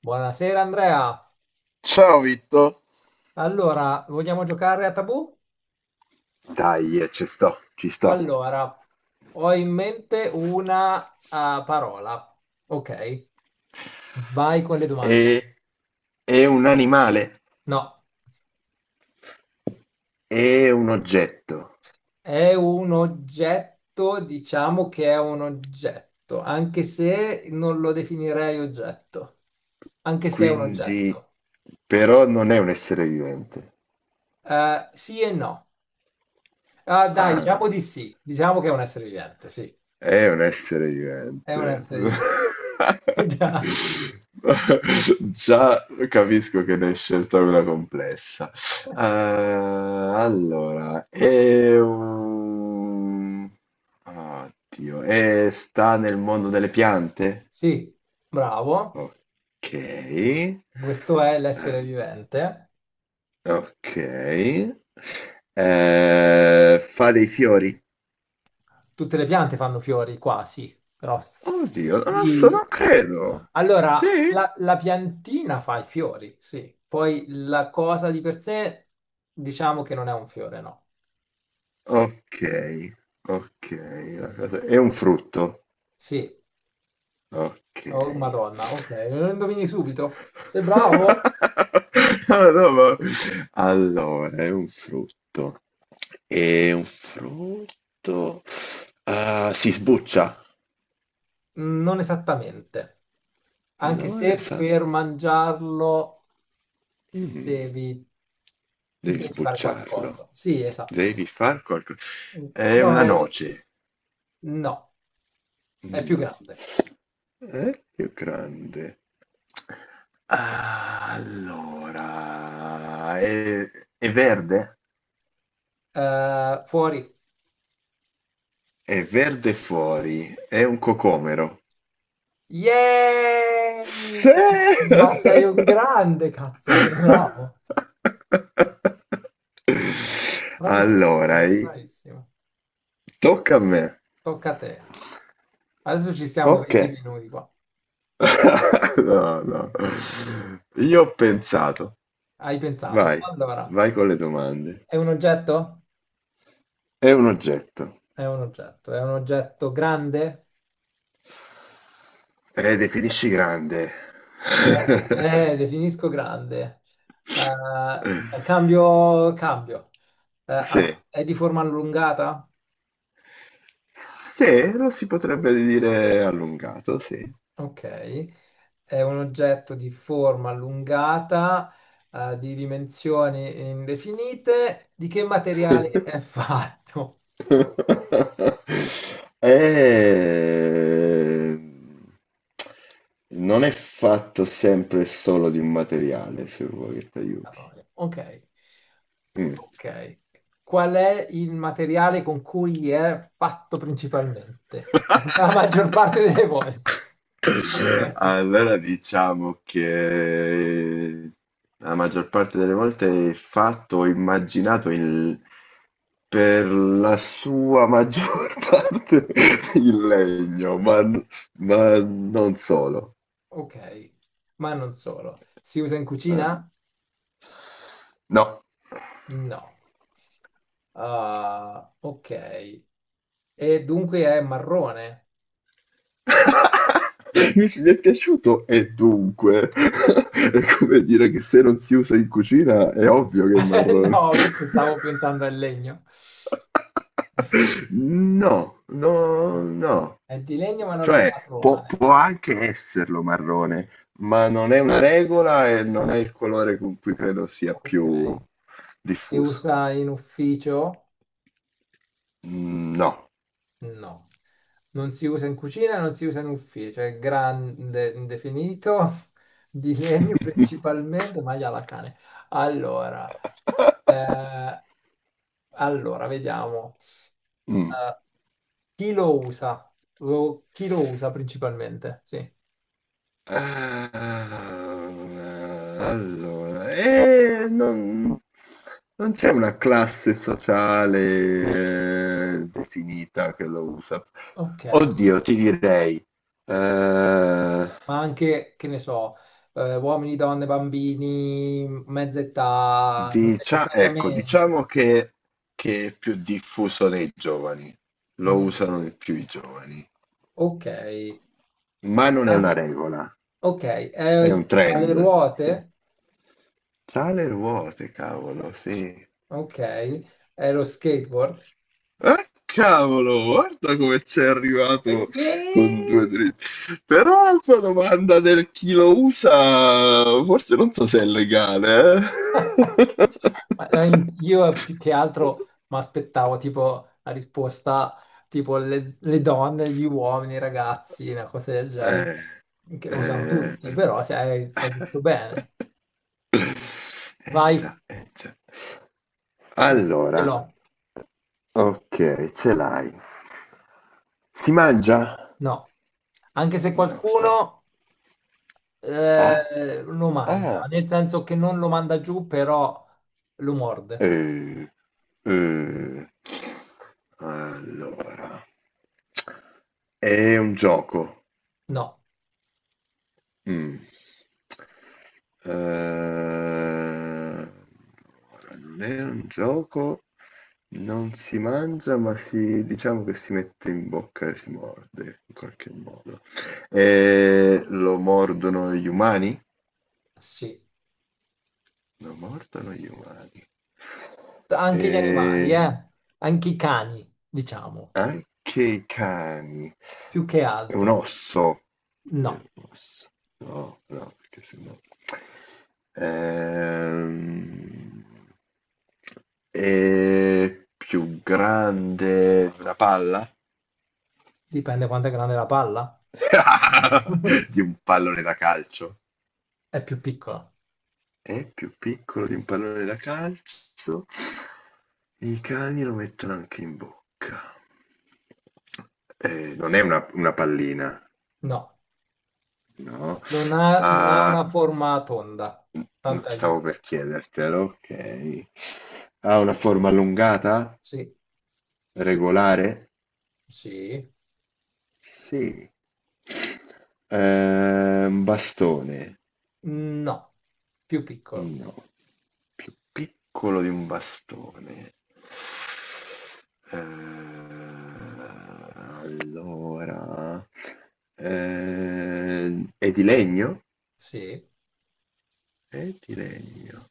Buonasera Andrea. Ciao Vitto. Allora, vogliamo giocare a tabù? Dai, ci sto. Allora, ho in mente una parola. Ok, vai con le domande. È, è un animale, No, è un oggetto, è un oggetto, diciamo che è un oggetto, anche se non lo definirei oggetto, anche se è un quindi oggetto. però non è un essere vivente. Sì e no. Ah, dai, Ah. diciamo di sì. Diciamo che è un essere vivente, sì. È un essere È un vivente. essere vivente. Già. Già capisco che ne hai scelta una complessa. Allora, è un... Oddio, è- sta nel mondo delle piante? Sì, bravo. Ok. Questo è l'essere vivente. Ok. Fa dei fiori? Tutte le piante fanno fiori, quasi, però Oddio, non lo so, sì. non credo. Sì? Allora, la piantina fa i fiori, sì. Poi la cosa di per sé, diciamo che non è un fiore, no. Ok, ok. La cosa- è un frutto? Sì. Ok. Oh, Madonna, ok. Lo indovini subito. Sei bravo? Ah, no, ma- allora, è un frutto. È un frutto. Ah, si sbuccia. Non esattamente. Anche Non se esatto. per mangiarlo Devi devi, devi fare qualcosa. sbucciarlo. Sì, esatto. Devi far qualcosa. È No, una è- noce. no, è più No. grande. Più grande. Ah, allora, è verde? Fuori. È verde fuori, è un cocomero. Yeah! Sì! Ma sei un grande, cazzo, sei bravo. Bravissimo, Allora, i- bravissimo. tocca a me. Tocca a te. Adesso ci stiamo Ok. 20 minuti qua. No, no. Io ho pensato. Hai pensato. Vai, Allora, vai con le domande. è un oggetto? È un oggetto. È un oggetto. È un oggetto grande? Definisci grande. Eh, definisco grande. Cambio. Sì. È di forma allungata? Sì, lo si potrebbe dire allungato, sì. Ok. È un oggetto di forma allungata, di dimensioni indefinite. Di che materiale è fatto? Eh, non è fatto sempre solo di un materiale, se vuoi che ti Porca aiuti. troia. Ok, Mm. ok. Qual è il materiale con cui è fatto principalmente? La maggior parte delle volte. Allora diciamo che la maggior parte delle volte è fatto o immaginato in- per la sua maggior parte in legno, ma non solo. Ok, ma non solo. Si usa in Eh, cucina? No. No. Ah, ok. E dunque è marrone. Mi è piaciuto e dunque è come dire che se non si usa in cucina è ovvio che è marrone. No, perché stavo pensando al legno. No, no, Ah, no. è di legno ma non è Cioè, può, marrone. può anche esserlo marrone, ma non è una regola e non è il colore con cui credo sia Ok. più Si diffuso. usa in ufficio? Mm, no. No. Non si usa in cucina, non si usa in ufficio. È grande, indefinito, di legno principalmente, ma la cane. Allora, eh, allora, vediamo. Mm. Eh, chi lo usa? Chi lo usa principalmente? Sì. Ah, allora, non c'è una classe sociale, definita che lo usa. Ok. Oddio, ti direi, eh, Ma anche, che ne so, uomini, donne, bambini, mezza età, non dicia- ecco, necessariamente. diciamo che è più diffuso nei giovani, lo usano Nature. di più i giovani, Ok. ma non è una Ah, regola, ok. è un C'ha le trend. ruote? C'ha le ruote, cavolo, sì. Ok. È lo skateboard? Cavolo, guarda come c'è arrivato con due Yeah! dritti. Però la sua domanda del chi lo usa, forse non so se è legale, eh. Ma, io più che altro mi aspettavo tipo la risposta tipo le donne, gli uomini, i ragazzi, una cosa del genere, Eh, che lo usano tutti, eh. però se hai detto bene. Eh Vai. già, eh già. Sì, ce Allora, l'ho, ok, ce l'hai. Si mangia? no. Anche se No, sta. qualcuno Ah, lo mangia, ah. nel senso che non lo manda giù, però lo morde. Eh, eh. Allora, è un gioco. No, Mm. Allora, non è un gioco, non si mangia, ma si, diciamo che si mette in bocca e si morde in qualche modo. Lo mordono gli umani? sì. Lo mordono gli umani. Anche gli animali, Eh, eh? Anche i cani, diciamo, Anche i cani. più che È un altro. osso. Eh, No, osso. No, no, perché sennò... Ehm, è più grande di una palla? dipende quanto è grande la palla. Di un pallone da calcio. È più piccola. È più piccolo di un pallone da calcio. I cani lo mettono anche in bocca. Non è una pallina. No, No. Non ha Ha una forma tonda. n- Tanto stavo aiuto. per chiedertelo, ok. Ha una forma allungata? Sì, Regolare? sì. Sì. Un bastone? No, più piccolo. No. Più piccolo di un bastone. Allora... è di legno? Sì, È di legno.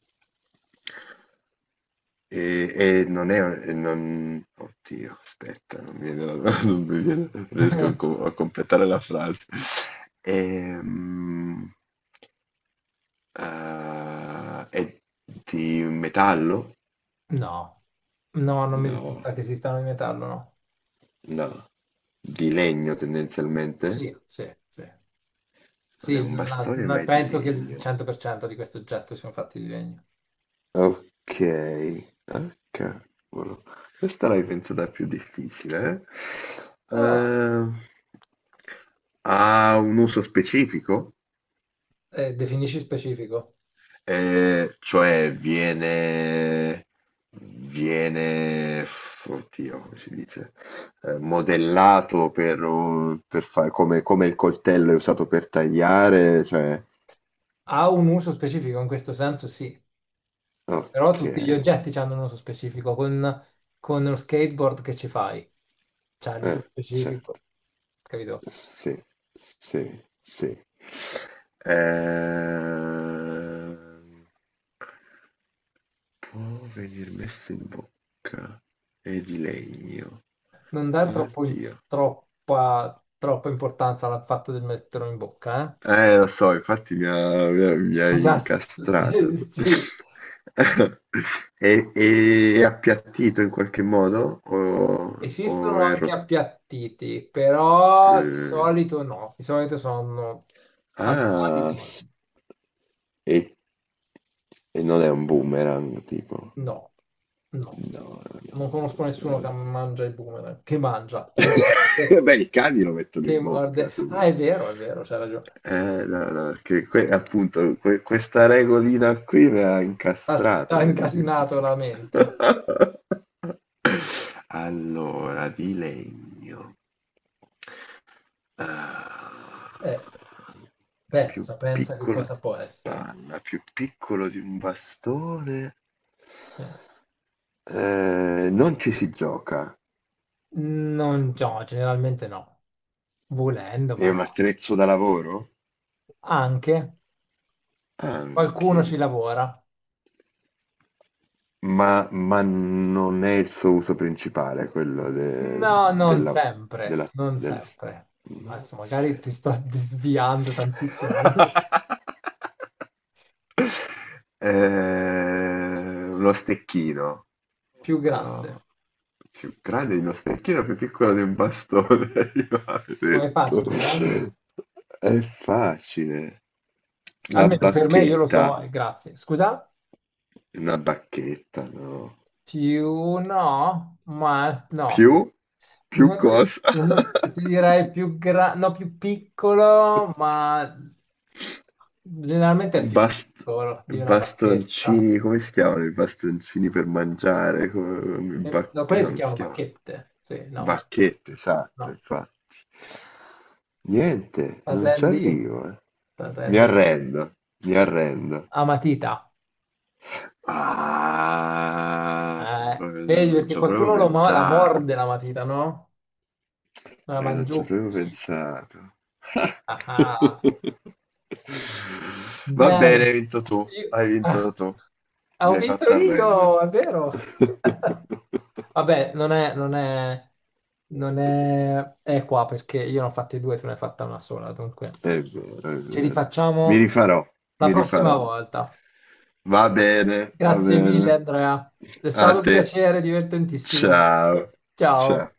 E non è, e non, oddio, aspetta, non mi viene, non mi viene- non riesco a, co- a completare la frase. Ehm, è di metallo? no. No, non mi No, risulta che esistano in metallo, no. no, di legno Sì, tendenzialmente. sì, sì. Non è Sì, un bastone, ma è di penso che il legno. 100% di questi oggetti siano fatti di legno. Ok, ah, cavolo. Questa l'hai pensata più difficile, eh? Ah, Ha un uso specifico? Definisci specifico. Cioè viene, viene, f- oddio, come si dice, eh, modellato per, un- per fare come, come il coltello è usato per tagliare, cioè, Ha un uso specifico in questo senso, sì, però ok, tutti gli oggetti hanno un uso specifico. Con lo skateboard che ci fai, c'è l'uso certo. specifico, capito? Sì, sì, sì. Ehm, può venir messo in bocca. È di legno. Non dare troppo in- Oddio. troppa importanza al fatto di metterlo in bocca, Lo so, infatti mi eh? hai incastrato. sì. È, è appiattito in qualche modo o Esistono è anche rotto? appiattiti, però di solito no, di solito sono allungati Ah, toni. s- e, e non è un boomerang, tipo. No, no, No, non è non un conosco nessuno che boomerang. mangia il boomerang, che mangia, Beh, i cani lo mettono che in bocca, morde. se Ah, vuoi. È vero, c'è ragione. No, no, perché que- appunto que- questa regolina qui mi ha incastrato Ha incasinato nell'identificare. la mente. Allora, di legno. Ah, Eh, più pensa che piccolo cosa di può una essere. panna, più piccolo di un bastone. Sì. Non ci si gioca. Non, no, generalmente no. Volendo, È ma un no. attrezzo da lavoro? Anche qualcuno ci Anche. lavora. Ma non è il suo uso principale, quello de- No, non della, sempre, della, non delle... sempre. No, Adesso magari se- ti sto sviando tantissimo, ma non lo so. Uno stecchino. Più grande. No. Più grande di uno stecchino, più piccolo di un bastone. Io l'avevo Oh, è detto. facile, eh? È facile. La Almeno per me io lo so, bacchetta. Grazie. Scusa? Una bacchetta, no. Più no, ma no. Più? Più Non ti, cosa? Ti direi più grande, no, più piccolo, ma generalmente è più Bast- piccolo di una bacchetta. bastoncini, come si chiamano i bastoncini per mangiare? Come- No, bac- quelle no, si non si chiamano chiamano. bacchette. Sì, no, ma Bacchette, esatto, no. infatti. Niente, non ci T'arrendi? arrivo, eh. Mi T'arrendi? arrendo, mi arrendo. A matita. Ah, sono proprio, non, Vedi, non perché ci ho proprio qualcuno la pensato. morde la matita, no? La Non ci avevo mangiucchi. pensato. Ah, ah. Va bene, Bene. Io- hai ah, vinto tu, ho mi hai vinto fatto io, arrendere. è vero. Vabbè, non è equa perché io ne ho fatte due, tu ne hai fatta una sola, dunque È vero, è ce li vero. Mi facciamo rifarò, la mi prossima rifarò. volta. Va bene, va Grazie bene. mille, Andrea. È A stato un te. piacere, divertentissimo. Ciao. Ciao. Ciao.